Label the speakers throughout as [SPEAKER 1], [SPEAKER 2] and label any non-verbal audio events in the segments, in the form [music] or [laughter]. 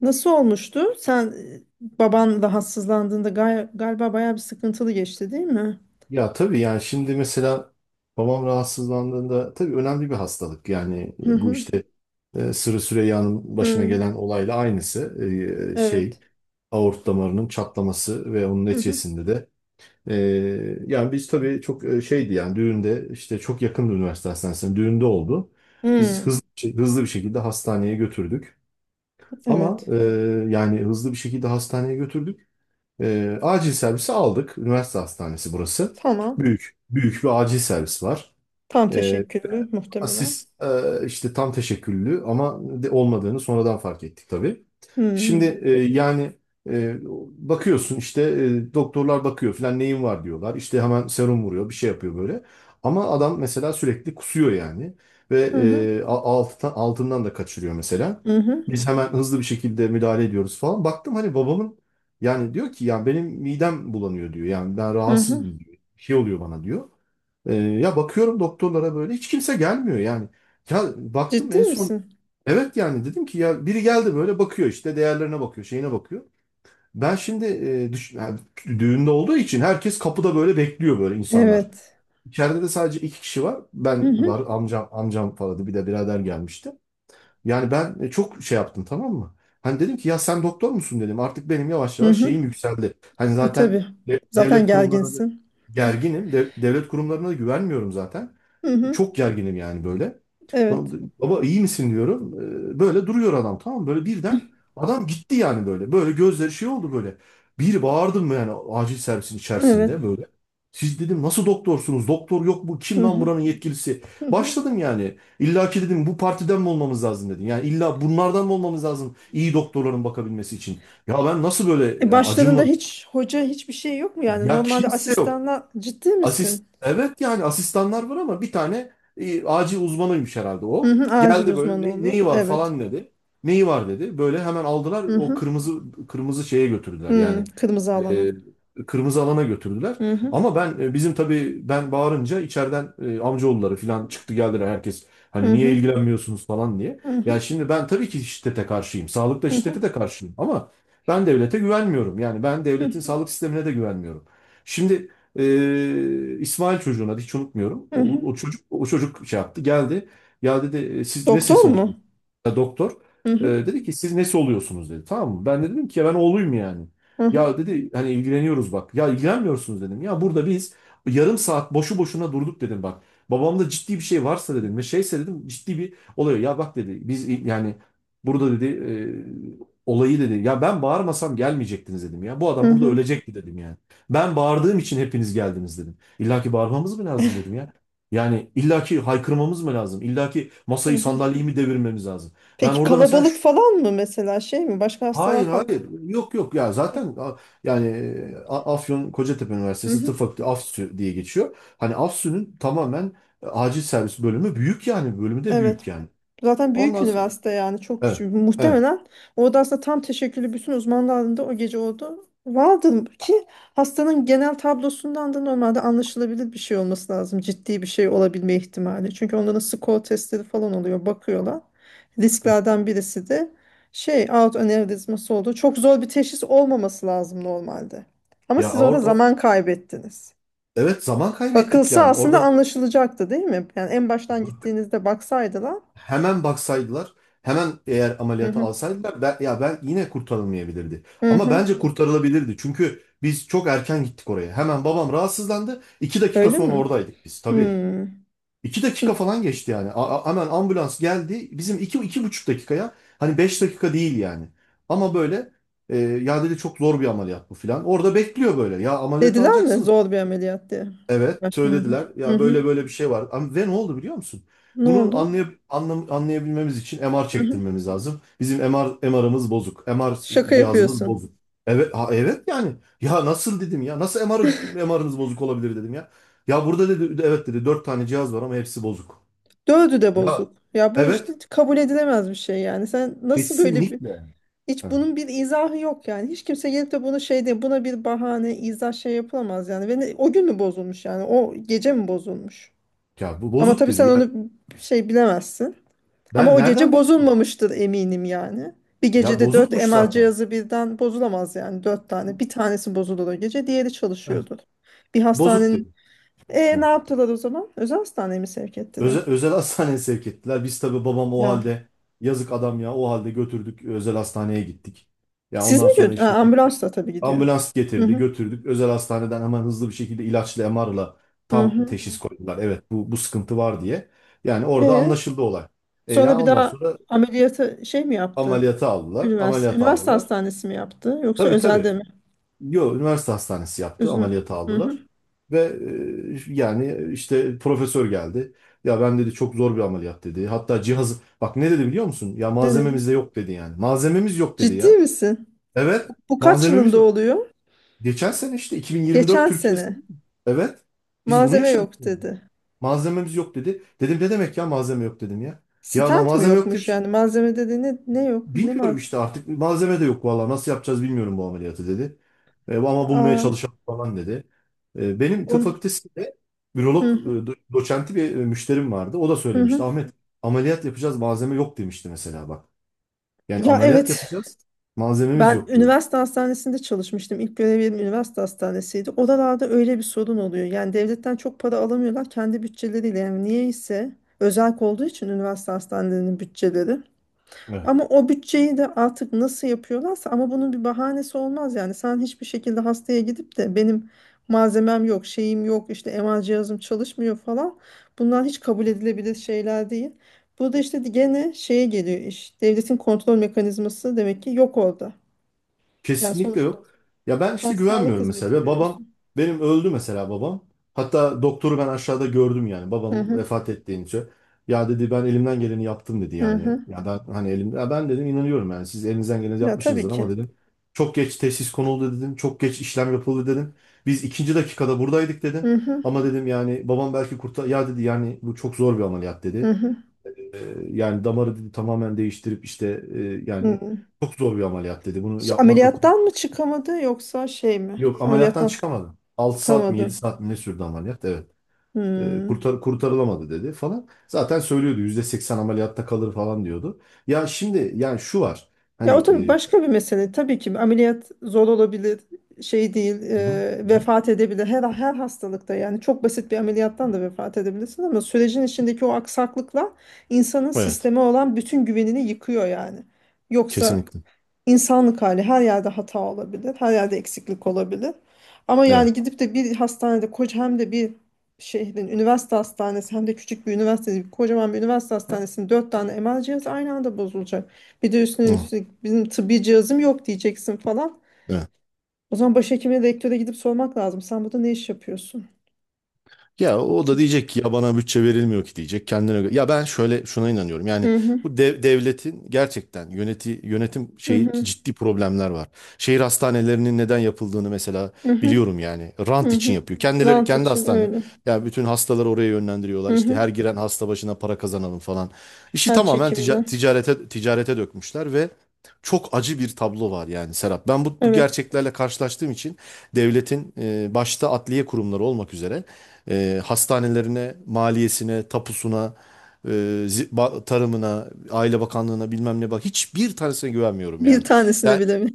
[SPEAKER 1] Nasıl olmuştu? Sen baban rahatsızlandığında galiba bayağı bir sıkıntılı geçti, değil mi?
[SPEAKER 2] Ya tabii yani şimdi mesela babam rahatsızlandığında tabii önemli bir hastalık. Yani
[SPEAKER 1] Hı
[SPEAKER 2] bu
[SPEAKER 1] hı.
[SPEAKER 2] işte Sırrı Süreyya'nın başına
[SPEAKER 1] Hı.
[SPEAKER 2] gelen olayla aynısı. Şey
[SPEAKER 1] Evet.
[SPEAKER 2] aort damarının çatlaması ve onun
[SPEAKER 1] Hı hı.
[SPEAKER 2] neticesinde de e, yani biz tabii çok şeydi yani düğünde işte çok yakındı üniversite hastanesine, düğünde oldu. Biz
[SPEAKER 1] Hı.
[SPEAKER 2] hızlı bir şekilde hastaneye götürdük. Ama
[SPEAKER 1] Evet.
[SPEAKER 2] yani hızlı bir şekilde hastaneye götürdük. Acil servisi aldık. Üniversite hastanesi burası.
[SPEAKER 1] Tamam.
[SPEAKER 2] Büyük, büyük bir acil servis var.
[SPEAKER 1] Tam
[SPEAKER 2] Ee,
[SPEAKER 1] teşekküllü muhtemelen.
[SPEAKER 2] İşte tam teşekküllü ama de olmadığını sonradan fark ettik tabii.
[SPEAKER 1] Hı hı.
[SPEAKER 2] Şimdi e, bakıyorsun işte doktorlar bakıyor falan neyin var diyorlar. İşte hemen serum vuruyor, bir şey yapıyor böyle. Ama adam mesela sürekli kusuyor yani, ve
[SPEAKER 1] Hı
[SPEAKER 2] altından da kaçırıyor mesela.
[SPEAKER 1] hı.
[SPEAKER 2] Biz hemen hızlı bir şekilde müdahale ediyoruz falan. Baktım hani babamın, yani diyor ki, yani benim midem bulanıyor diyor. Yani ben
[SPEAKER 1] Hı hı.
[SPEAKER 2] rahatsızım diyor. Bir şey oluyor bana diyor. Ya bakıyorum doktorlara, böyle hiç kimse gelmiyor yani. Ya baktım
[SPEAKER 1] Ciddi
[SPEAKER 2] en son,
[SPEAKER 1] misin?
[SPEAKER 2] evet, yani dedim ki, ya biri geldi böyle, bakıyor işte, değerlerine bakıyor, şeyine bakıyor. Ben şimdi yani düğünde olduğu için herkes kapıda böyle bekliyor, böyle insanlar.
[SPEAKER 1] Evet.
[SPEAKER 2] İçeride de sadece 2 kişi var.
[SPEAKER 1] Hı
[SPEAKER 2] Ben
[SPEAKER 1] hı.
[SPEAKER 2] var, amcam falan, bir de birader gelmişti. Yani ben çok şey yaptım, tamam mı? Hani dedim ki, ya sen doktor musun dedim. Artık benim yavaş
[SPEAKER 1] Hı
[SPEAKER 2] yavaş
[SPEAKER 1] hı.
[SPEAKER 2] şeyim yükseldi. Hani
[SPEAKER 1] E,
[SPEAKER 2] zaten
[SPEAKER 1] tabii. Zaten
[SPEAKER 2] devlet kurumlarına da
[SPEAKER 1] gerginsin.
[SPEAKER 2] gerginim. Devlet kurumlarına da güvenmiyorum zaten.
[SPEAKER 1] Hı hı.
[SPEAKER 2] Çok gerginim yani böyle.
[SPEAKER 1] Evet.
[SPEAKER 2] Baba iyi misin diyorum. Böyle duruyor adam, tamam mı? Böyle birden adam gitti yani böyle. Böyle gözleri şey oldu böyle. Bir bağırdım yani acil servisin
[SPEAKER 1] Evet.
[SPEAKER 2] içerisinde böyle. Siz dedim nasıl doktorsunuz? Doktor yok, bu kim
[SPEAKER 1] Hı
[SPEAKER 2] lan
[SPEAKER 1] hı.
[SPEAKER 2] buranın yetkilisi?
[SPEAKER 1] Hı hı.
[SPEAKER 2] Başladım yani. İlla ki dedim bu partiden mi olmamız lazım dedim. Yani illa bunlardan mı olmamız lazım, iyi doktorların bakabilmesi için? Ya ben nasıl böyle,
[SPEAKER 1] E,
[SPEAKER 2] ya
[SPEAKER 1] başlarında
[SPEAKER 2] acımla,
[SPEAKER 1] hiç hoca hiçbir şey yok mu yani?
[SPEAKER 2] ya
[SPEAKER 1] Normalde
[SPEAKER 2] kimse yok.
[SPEAKER 1] asistanla ciddi misin?
[SPEAKER 2] Evet, yani asistanlar var ama bir tane acil uzmanıymış herhalde
[SPEAKER 1] Hı
[SPEAKER 2] o.
[SPEAKER 1] hı, acil
[SPEAKER 2] Geldi böyle,
[SPEAKER 1] uzmanı olur.
[SPEAKER 2] Neyi var?"
[SPEAKER 1] Evet.
[SPEAKER 2] falan dedi. Neyi var dedi. Böyle hemen aldılar,
[SPEAKER 1] Hı
[SPEAKER 2] o
[SPEAKER 1] hı.
[SPEAKER 2] kırmızı şeye götürdüler
[SPEAKER 1] Hı,
[SPEAKER 2] yani,
[SPEAKER 1] kırmızı alana.
[SPEAKER 2] e, kırmızı alana götürdüler.
[SPEAKER 1] Hı hı.
[SPEAKER 2] Ama ben bizim tabii ben bağırınca içeriden amcaoğulları falan çıktı, geldiler herkes. Hani
[SPEAKER 1] Hı
[SPEAKER 2] niye
[SPEAKER 1] hı.
[SPEAKER 2] ilgilenmiyorsunuz falan diye.
[SPEAKER 1] Hı
[SPEAKER 2] Ya
[SPEAKER 1] hı.
[SPEAKER 2] şimdi ben tabii ki şiddete karşıyım. Sağlıkta
[SPEAKER 1] Hı hı.
[SPEAKER 2] şiddete de karşıyım, ama ben devlete güvenmiyorum. Yani ben
[SPEAKER 1] Hı
[SPEAKER 2] devletin
[SPEAKER 1] hı.
[SPEAKER 2] sağlık sistemine de güvenmiyorum. Şimdi İsmail, çocuğun adı, hiç unutmuyorum.
[SPEAKER 1] Hı
[SPEAKER 2] O,
[SPEAKER 1] hı.
[SPEAKER 2] o çocuk o çocuk şey yaptı, geldi. Ya dedi, Siz nesin
[SPEAKER 1] Doktor
[SPEAKER 2] sonunda?"
[SPEAKER 1] mu?
[SPEAKER 2] Ya doktor.
[SPEAKER 1] Hı hı.
[SPEAKER 2] Dedi ki, siz nesi oluyorsunuz dedi. Tamam mı? Ben de dedim ki, ya ben oğluyum yani.
[SPEAKER 1] Hı hı.
[SPEAKER 2] Ya dedi hani ilgileniyoruz bak. Ya ilgilenmiyorsunuz dedim. Ya burada biz yarım saat boşu boşuna durduk dedim bak. Babamda ciddi bir şey varsa dedim, ve şeyse dedim, ciddi bir oluyor. Ya bak dedi biz yani, burada dedi olayı dedi. Ya ben bağırmasam gelmeyecektiniz dedim ya. Bu
[SPEAKER 1] Hı
[SPEAKER 2] adam burada
[SPEAKER 1] hı.
[SPEAKER 2] ölecekti dedim yani. Ben bağırdığım için hepiniz geldiniz dedim. İlla ki bağırmamız mı lazım dedim ya. Yani illa ki haykırmamız mı lazım? İlla ki
[SPEAKER 1] Hı
[SPEAKER 2] masayı
[SPEAKER 1] hı.
[SPEAKER 2] sandalyeyi mi devirmemiz lazım? Ben
[SPEAKER 1] Peki
[SPEAKER 2] orada mesela
[SPEAKER 1] kalabalık falan mı mesela şey mi? Başka
[SPEAKER 2] hayır
[SPEAKER 1] hastalar falan?
[SPEAKER 2] hayır, yok yok, ya
[SPEAKER 1] Yok.
[SPEAKER 2] zaten Afyon Kocatepe
[SPEAKER 1] Hı
[SPEAKER 2] Üniversitesi
[SPEAKER 1] hı.
[SPEAKER 2] Tıp Fakültesi, AFSÜ diye geçiyor. Hani AFSÜ'nün tamamen acil servis bölümü büyük, yani bölümü de
[SPEAKER 1] Evet.
[SPEAKER 2] büyük yani.
[SPEAKER 1] Zaten büyük
[SPEAKER 2] Ondan sonra
[SPEAKER 1] üniversite yani çok
[SPEAKER 2] evet,
[SPEAKER 1] küçük.
[SPEAKER 2] evet.
[SPEAKER 1] Muhtemelen orada aslında tam teşekküllü bütün uzman dalında o gece oldu. Vardı ki hastanın genel tablosundan da normalde anlaşılabilir bir şey olması lazım. Ciddi bir şey olabilme ihtimali. Çünkü onların skor testleri falan oluyor. Bakıyorlar. Risklerden birisi de şey aort anevrizması oldu. Çok zor bir teşhis olmaması lazım normalde. Ama
[SPEAKER 2] Ya
[SPEAKER 1] siz orada
[SPEAKER 2] orada,
[SPEAKER 1] zaman kaybettiniz.
[SPEAKER 2] evet, zaman kaybettik
[SPEAKER 1] Bakılsa
[SPEAKER 2] yani
[SPEAKER 1] aslında
[SPEAKER 2] orada.
[SPEAKER 1] anlaşılacaktı değil mi? Yani en baştan gittiğinizde baksaydılar.
[SPEAKER 2] Hemen baksaydılar, hemen eğer
[SPEAKER 1] Hı
[SPEAKER 2] ameliyata
[SPEAKER 1] hı.
[SPEAKER 2] alsaydılar, ben yine kurtarılmayabilirdi.
[SPEAKER 1] Hı
[SPEAKER 2] Ama
[SPEAKER 1] hı.
[SPEAKER 2] bence kurtarılabilirdi. Çünkü biz çok erken gittik oraya. Hemen babam rahatsızlandı. 2 dakika
[SPEAKER 1] Öyle
[SPEAKER 2] sonra
[SPEAKER 1] mi?
[SPEAKER 2] oradaydık biz tabii.
[SPEAKER 1] Hmm.
[SPEAKER 2] 2 dakika falan geçti yani. Hemen ambulans geldi. Bizim iki, iki buçuk dakikaya, hani 5 dakika değil yani. Ama böyle, ya dedi çok zor bir ameliyat bu filan. Orada bekliyor böyle. Ya ameliyat
[SPEAKER 1] Dediler mi
[SPEAKER 2] alacaksın.
[SPEAKER 1] zor bir ameliyat diye?
[SPEAKER 2] Evet,
[SPEAKER 1] Baştan.
[SPEAKER 2] söylediler.
[SPEAKER 1] Hı
[SPEAKER 2] Ya
[SPEAKER 1] hı.
[SPEAKER 2] böyle böyle bir şey var. Ama ve ne oldu biliyor musun?
[SPEAKER 1] Ne
[SPEAKER 2] Bunu
[SPEAKER 1] oldu?
[SPEAKER 2] anlayabilmemiz için MR
[SPEAKER 1] Hı hı.
[SPEAKER 2] çektirmemiz lazım. Bizim MR'ımız bozuk. MR
[SPEAKER 1] Şaka
[SPEAKER 2] cihazımız
[SPEAKER 1] yapıyorsun.
[SPEAKER 2] bozuk. Evet, ha, evet yani. Ya nasıl dedim ya? Nasıl MR'ınız bozuk olabilir dedim ya. Ya burada dedi evet dedi, 4 tane cihaz var ama hepsi bozuk.
[SPEAKER 1] Dördü de
[SPEAKER 2] Ya,
[SPEAKER 1] bozuk. Ya bu işte
[SPEAKER 2] evet,
[SPEAKER 1] kabul edilemez bir şey yani. Sen nasıl böyle bir...
[SPEAKER 2] kesinlikle.
[SPEAKER 1] Hiç
[SPEAKER 2] Ha,
[SPEAKER 1] bunun bir izahı yok yani. Hiç kimse gelip de bunu şey diye buna bir bahane, izah şey yapılamaz yani. Ve o gün mü bozulmuş yani? O gece mi bozulmuş?
[SPEAKER 2] Ya bu
[SPEAKER 1] Ama
[SPEAKER 2] bozuk
[SPEAKER 1] tabii
[SPEAKER 2] dedi.
[SPEAKER 1] sen
[SPEAKER 2] Yani
[SPEAKER 1] onu şey bilemezsin. Ama
[SPEAKER 2] ben
[SPEAKER 1] o gece
[SPEAKER 2] nereden bileceğim?
[SPEAKER 1] bozulmamıştır eminim yani. Bir
[SPEAKER 2] Ya
[SPEAKER 1] gecede dört
[SPEAKER 2] bozukmuş
[SPEAKER 1] MR
[SPEAKER 2] zaten.
[SPEAKER 1] cihazı birden bozulamaz yani dört tane. Bir tanesi bozulur o gece, diğeri
[SPEAKER 2] Heh,
[SPEAKER 1] çalışıyordur. Bir
[SPEAKER 2] Bozuk
[SPEAKER 1] hastanenin...
[SPEAKER 2] dedi.
[SPEAKER 1] E ne yaptılar o zaman? Özel hastaneye mi sevk ettiler?
[SPEAKER 2] Özel hastaneye sevk ettiler. Biz tabii babam o
[SPEAKER 1] Ya.
[SPEAKER 2] halde, yazık adam, ya o halde götürdük, özel hastaneye gittik. Ya
[SPEAKER 1] Siz
[SPEAKER 2] ondan
[SPEAKER 1] mi
[SPEAKER 2] sonra
[SPEAKER 1] gördünüz?
[SPEAKER 2] işte
[SPEAKER 1] Ambulansla tabii gidiyor.
[SPEAKER 2] ambulans
[SPEAKER 1] Hı
[SPEAKER 2] getirdi,
[SPEAKER 1] hı.
[SPEAKER 2] götürdük. Özel hastaneden hemen hızlı bir şekilde ilaçla, MR'la
[SPEAKER 1] Hı
[SPEAKER 2] tam
[SPEAKER 1] hı.
[SPEAKER 2] teşhis koydular. Evet bu sıkıntı var diye. Yani orada
[SPEAKER 1] E
[SPEAKER 2] anlaşıldı olay.
[SPEAKER 1] sonra
[SPEAKER 2] Ya
[SPEAKER 1] bir
[SPEAKER 2] ondan
[SPEAKER 1] daha
[SPEAKER 2] sonra
[SPEAKER 1] ameliyatı şey mi yaptı?
[SPEAKER 2] ameliyata aldılar.
[SPEAKER 1] Üniversite,
[SPEAKER 2] Ameliyata
[SPEAKER 1] üniversite
[SPEAKER 2] aldılar.
[SPEAKER 1] hastanesi mi yaptı? Yoksa
[SPEAKER 2] Tabii, tabii.
[SPEAKER 1] özelde mi?
[SPEAKER 2] Yo, üniversite hastanesi yaptı.
[SPEAKER 1] Üzme.
[SPEAKER 2] Ameliyata
[SPEAKER 1] Hı hı.
[SPEAKER 2] aldılar. Ve yani işte profesör geldi. Ya ben dedi çok zor bir ameliyat dedi. Hatta cihazı bak ne dedi biliyor musun? Ya
[SPEAKER 1] Ne dedim?
[SPEAKER 2] malzememiz de yok dedi yani. Malzememiz yok dedi
[SPEAKER 1] Ciddi
[SPEAKER 2] ya.
[SPEAKER 1] misin?
[SPEAKER 2] Evet,
[SPEAKER 1] Bu kaç
[SPEAKER 2] malzememiz
[SPEAKER 1] yılında
[SPEAKER 2] yok.
[SPEAKER 1] oluyor?
[SPEAKER 2] Geçen sene işte 2024
[SPEAKER 1] Geçen
[SPEAKER 2] Türkiye'si değil
[SPEAKER 1] sene.
[SPEAKER 2] mi? Evet. Biz bunu
[SPEAKER 1] Malzeme
[SPEAKER 2] yaşadık
[SPEAKER 1] yok
[SPEAKER 2] yani.
[SPEAKER 1] dedi.
[SPEAKER 2] Malzememiz yok dedi. Dedim ne demek ya malzeme yok dedim ya. Ya na
[SPEAKER 1] Stent mi
[SPEAKER 2] malzeme yok diye bir
[SPEAKER 1] yokmuş
[SPEAKER 2] şey-
[SPEAKER 1] yani? Malzeme dedi ne yok? Ne
[SPEAKER 2] Bilmiyorum
[SPEAKER 1] malzeme?
[SPEAKER 2] işte artık malzeme de yok, valla nasıl yapacağız bilmiyorum bu ameliyatı dedi. Ama bulmaya
[SPEAKER 1] Aa,
[SPEAKER 2] çalışalım falan dedi. Benim tıp
[SPEAKER 1] on,
[SPEAKER 2] fakültesinde
[SPEAKER 1] hı,
[SPEAKER 2] ürolog
[SPEAKER 1] hı,
[SPEAKER 2] doçenti bir müşterim vardı. O da
[SPEAKER 1] hı.
[SPEAKER 2] söylemişti,
[SPEAKER 1] hı.
[SPEAKER 2] Ahmet, ameliyat yapacağız malzeme yok demişti mesela bak. Yani
[SPEAKER 1] Ya
[SPEAKER 2] ameliyat
[SPEAKER 1] evet.
[SPEAKER 2] yapacağız malzememiz
[SPEAKER 1] Ben
[SPEAKER 2] yok diyordu.
[SPEAKER 1] üniversite hastanesinde çalışmıştım. İlk görevim üniversite hastanesiydi. Oralarda öyle bir sorun oluyor. Yani devletten çok para alamıyorlar kendi bütçeleriyle. Yani niyeyse özel olduğu için üniversite hastanelerinin bütçeleri. Ama o bütçeyi de artık nasıl yapıyorlarsa ama bunun bir bahanesi olmaz yani. Sen hiçbir şekilde hastaya gidip de benim malzemem yok, şeyim yok, işte MR cihazım çalışmıyor falan. Bunlar hiç kabul edilebilir şeyler değil. Burada işte gene şeye geliyor iş. Devletin kontrol mekanizması demek ki yok orada. Yani
[SPEAKER 2] Kesinlikle
[SPEAKER 1] sonuçta
[SPEAKER 2] yok. Ya ben
[SPEAKER 1] sen
[SPEAKER 2] işte
[SPEAKER 1] sağlık
[SPEAKER 2] güvenmiyorum mesela.
[SPEAKER 1] hizmeti
[SPEAKER 2] Ve babam
[SPEAKER 1] veriyorsun.
[SPEAKER 2] benim öldü mesela, babam. Hatta doktoru ben aşağıda gördüm yani
[SPEAKER 1] Hı
[SPEAKER 2] babam
[SPEAKER 1] hı,
[SPEAKER 2] vefat ettiğince. Ya dedi ben elimden geleni yaptım dedi
[SPEAKER 1] hı
[SPEAKER 2] yani.
[SPEAKER 1] hı.
[SPEAKER 2] Ya ben hani elim, ya ben dedim inanıyorum yani siz elinizden geleni
[SPEAKER 1] Ya tabii
[SPEAKER 2] yapmışsınızdır
[SPEAKER 1] ki.
[SPEAKER 2] ama dedim, çok geç teşhis konuldu dedim. Çok geç işlem yapıldı dedim. Biz ikinci dakikada buradaydık dedim.
[SPEAKER 1] Hı hı,
[SPEAKER 2] Ama dedim yani babam belki kurtar, ya dedi yani bu çok zor bir ameliyat
[SPEAKER 1] hı
[SPEAKER 2] dedi.
[SPEAKER 1] hı,
[SPEAKER 2] Yani damarı dedi tamamen değiştirip işte,
[SPEAKER 1] hı
[SPEAKER 2] yani
[SPEAKER 1] hı.
[SPEAKER 2] çok zor bir ameliyat dedi. Bunu
[SPEAKER 1] Ş-
[SPEAKER 2] yapmakla.
[SPEAKER 1] Ameliyattan mı çıkamadı yoksa şey mi?
[SPEAKER 2] Yok, ameliyattan
[SPEAKER 1] Ameliyattan
[SPEAKER 2] çıkamadı. 6 saat mi, 7
[SPEAKER 1] çıkamadı.
[SPEAKER 2] saat mi ne sürdü ameliyat? Evet.
[SPEAKER 1] Hmm.
[SPEAKER 2] Kurtarılamadı dedi falan. Zaten söylüyordu %80 ameliyatta kalır falan diyordu. Ya şimdi yani şu var.
[SPEAKER 1] Ya
[SPEAKER 2] Hani
[SPEAKER 1] o tabii
[SPEAKER 2] e,
[SPEAKER 1] başka bir mesele. Tabii ki ameliyat zor olabilir, şey değil,
[SPEAKER 2] bu.
[SPEAKER 1] e, vefat edebilir. Her hastalıkta yani çok basit bir ameliyattan da vefat edebilirsin ama sürecin içindeki o aksaklıkla insanın
[SPEAKER 2] Evet.
[SPEAKER 1] sisteme olan bütün güvenini yıkıyor yani. Yoksa
[SPEAKER 2] Kesinlikle.
[SPEAKER 1] İnsanlık hali her yerde hata olabilir, her yerde eksiklik olabilir. Ama yani
[SPEAKER 2] Evet.
[SPEAKER 1] gidip de bir hastanede koca hem de bir şehrin üniversite hastanesi hem de küçük bir üniversite, kocaman bir üniversite hastanesinin dört tane MR cihazı aynı anda bozulacak. Bir de üstüne
[SPEAKER 2] Hı,
[SPEAKER 1] üstlük bizim tıbbi cihazım yok diyeceksin falan.
[SPEAKER 2] evet.
[SPEAKER 1] O zaman başhekime, rektöre gidip sormak lazım. Sen burada ne iş yapıyorsun?
[SPEAKER 2] Ya o da diyecek ki, ya bana bütçe verilmiyor ki diyecek kendine göre. Ya ben şöyle şuna inanıyorum. Yani
[SPEAKER 1] Hı hı,
[SPEAKER 2] bu devletin gerçekten yönetim
[SPEAKER 1] hı
[SPEAKER 2] şeyi
[SPEAKER 1] hı,
[SPEAKER 2] ciddi problemler var. Şehir hastanelerinin neden yapıldığını mesela
[SPEAKER 1] hı hı,
[SPEAKER 2] biliyorum yani. Rant
[SPEAKER 1] hı
[SPEAKER 2] için
[SPEAKER 1] hı.
[SPEAKER 2] yapıyor. Kendileri
[SPEAKER 1] Rant
[SPEAKER 2] kendi
[SPEAKER 1] için
[SPEAKER 2] hastane.
[SPEAKER 1] öyle.
[SPEAKER 2] Ya bütün hastaları oraya yönlendiriyorlar.
[SPEAKER 1] Hı
[SPEAKER 2] İşte
[SPEAKER 1] hı.
[SPEAKER 2] her giren hasta başına para kazanalım falan. İşi
[SPEAKER 1] Her
[SPEAKER 2] tamamen tica-
[SPEAKER 1] çekimden.
[SPEAKER 2] ticarete ticarete dökmüşler ve çok acı bir tablo var yani, Serap. Ben bu
[SPEAKER 1] Evet.
[SPEAKER 2] gerçeklerle karşılaştığım için devletin başta adliye kurumları olmak üzere, hastanelerine, maliyesine, tapusuna, e, tarımına, Aile Bakanlığına, bilmem ne, bak, hiçbir tanesine güvenmiyorum
[SPEAKER 1] Bir
[SPEAKER 2] yani.
[SPEAKER 1] tanesine
[SPEAKER 2] Ya
[SPEAKER 1] bile mi?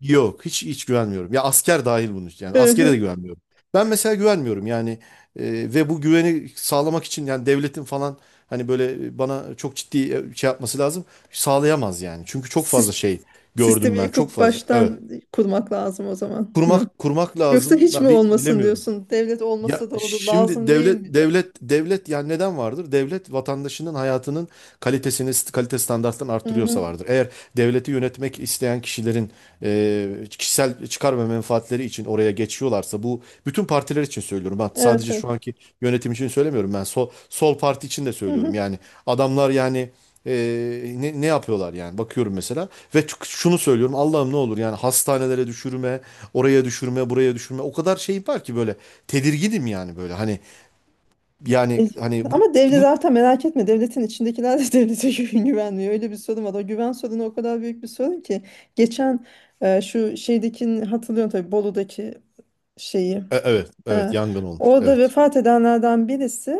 [SPEAKER 2] yok, hiç güvenmiyorum. Ya asker dahil bunun için yani
[SPEAKER 1] Hı
[SPEAKER 2] askere de
[SPEAKER 1] hı.
[SPEAKER 2] güvenmiyorum. Ben mesela güvenmiyorum yani, ve bu güveni sağlamak için yani devletin falan, hani böyle bana çok ciddi şey yapması lazım. Sağlayamaz yani. Çünkü çok fazla
[SPEAKER 1] Sis-
[SPEAKER 2] şey gördüm
[SPEAKER 1] Sistemi
[SPEAKER 2] ben. Çok
[SPEAKER 1] yıkıp
[SPEAKER 2] fazla. Evet.
[SPEAKER 1] baştan kurmak lazım o zaman mı?
[SPEAKER 2] Kurmak, kurmak
[SPEAKER 1] Yoksa
[SPEAKER 2] lazım.
[SPEAKER 1] hiç
[SPEAKER 2] Ben
[SPEAKER 1] mi olmasın
[SPEAKER 2] bilemiyorum.
[SPEAKER 1] diyorsun? Devlet
[SPEAKER 2] Ya
[SPEAKER 1] olmasa da olur
[SPEAKER 2] şimdi
[SPEAKER 1] lazım değil
[SPEAKER 2] devlet,
[SPEAKER 1] mi?
[SPEAKER 2] devlet, devlet, yani neden vardır? Devlet vatandaşının hayatının kalite standartlarını
[SPEAKER 1] Hı hı.
[SPEAKER 2] arttırıyorsa vardır. Eğer devleti yönetmek isteyen kişilerin kişisel çıkar ve menfaatleri için oraya geçiyorlarsa, bu bütün partiler için söylüyorum. Ben
[SPEAKER 1] Evet,
[SPEAKER 2] sadece
[SPEAKER 1] evet.
[SPEAKER 2] şu anki yönetim için söylemiyorum ben. Sol parti için de
[SPEAKER 1] Hı
[SPEAKER 2] söylüyorum.
[SPEAKER 1] hı.
[SPEAKER 2] Yani adamlar yani, ne yapıyorlar yani, bakıyorum mesela, ve şunu söylüyorum, Allah'ım ne olur, yani hastanelere düşürme, oraya düşürme, buraya düşürme, o kadar şey var ki böyle, tedirginim yani böyle, hani
[SPEAKER 1] E,
[SPEAKER 2] yani hani
[SPEAKER 1] ama devlet
[SPEAKER 2] bu
[SPEAKER 1] zaten merak etme devletin içindekiler de [laughs] devlete güvenmiyor. Öyle bir sorun var. O güven sorunu o kadar büyük bir sorun ki. Geçen şu şeydekini hatırlıyorum tabii Bolu'daki şeyi.
[SPEAKER 2] Evet, evet,
[SPEAKER 1] E,
[SPEAKER 2] yangın olmuş,
[SPEAKER 1] orada
[SPEAKER 2] evet.
[SPEAKER 1] vefat edenlerden birisi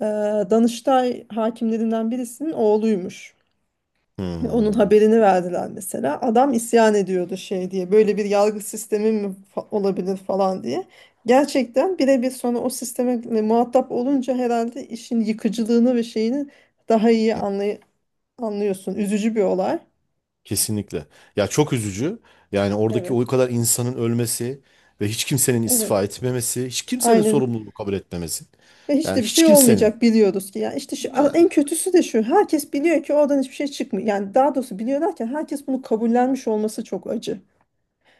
[SPEAKER 1] e, Danıştay hakimlerinden birisinin oğluymuş. Onun
[SPEAKER 2] Hmm.
[SPEAKER 1] haberini verdiler mesela. Adam isyan ediyordu şey diye. Böyle bir yargı sistemi mi olabilir falan diye. Gerçekten birebir sonra o sisteme muhatap olunca herhalde işin yıkıcılığını ve şeyini daha iyi anlıyorsun. Üzücü bir olay.
[SPEAKER 2] Kesinlikle, ya çok üzücü yani, oradaki o
[SPEAKER 1] Evet.
[SPEAKER 2] kadar insanın ölmesi, ve hiç kimsenin
[SPEAKER 1] Evet.
[SPEAKER 2] istifa etmemesi, hiç kimsenin
[SPEAKER 1] Aynen.
[SPEAKER 2] sorumluluğu kabul etmemesi,
[SPEAKER 1] Ve hiç
[SPEAKER 2] yani
[SPEAKER 1] de bir
[SPEAKER 2] hiç
[SPEAKER 1] şey
[SPEAKER 2] kimsenin.
[SPEAKER 1] olmayacak biliyoruz ki. Yani işte şu,
[SPEAKER 2] Ha,
[SPEAKER 1] en kötüsü de şu. Herkes biliyor ki oradan hiçbir şey çıkmıyor. Yani daha doğrusu biliyorlar ki herkes bunu kabullenmiş olması çok acı.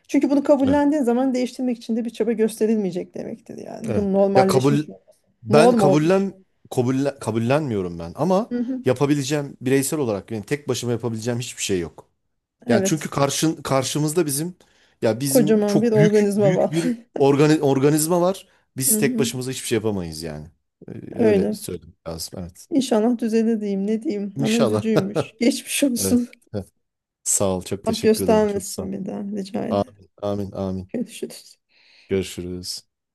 [SPEAKER 1] Çünkü bunu
[SPEAKER 2] evet.
[SPEAKER 1] kabullendiğin zaman değiştirmek için de bir çaba gösterilmeyecek demektir yani.
[SPEAKER 2] Evet.
[SPEAKER 1] Bu
[SPEAKER 2] Ya kabul
[SPEAKER 1] normalleşmiş olması.
[SPEAKER 2] ben
[SPEAKER 1] Norm olmuş.
[SPEAKER 2] kabullen Kabullenmiyorum ben, ama
[SPEAKER 1] Hı hı.
[SPEAKER 2] yapabileceğim bireysel olarak, yani tek başıma yapabileceğim hiçbir şey yok. Yani çünkü
[SPEAKER 1] Evet.
[SPEAKER 2] karşımızda bizim, ya bizim
[SPEAKER 1] Kocaman bir
[SPEAKER 2] çok büyük
[SPEAKER 1] organizma
[SPEAKER 2] büyük
[SPEAKER 1] var.
[SPEAKER 2] bir organizma var.
[SPEAKER 1] [laughs] Hı
[SPEAKER 2] Biz tek
[SPEAKER 1] hı.
[SPEAKER 2] başımıza hiçbir şey yapamayız yani. Ee, Öyle
[SPEAKER 1] Öyle.
[SPEAKER 2] söylemek lazım. Evet.
[SPEAKER 1] İnşallah düzelir diyeyim ne diyeyim ama
[SPEAKER 2] İnşallah.
[SPEAKER 1] üzücüymüş.
[SPEAKER 2] [laughs]
[SPEAKER 1] Geçmiş
[SPEAKER 2] Evet.
[SPEAKER 1] olsun.
[SPEAKER 2] Evet. Sağ ol. Çok
[SPEAKER 1] [laughs] Allah
[SPEAKER 2] teşekkür ederim. Çok sağ ol.
[SPEAKER 1] göstermesin bir daha rica ederim.
[SPEAKER 2] Amin. Amin. Amin.
[SPEAKER 1] Görüşürüz.
[SPEAKER 2] Görüşürüz.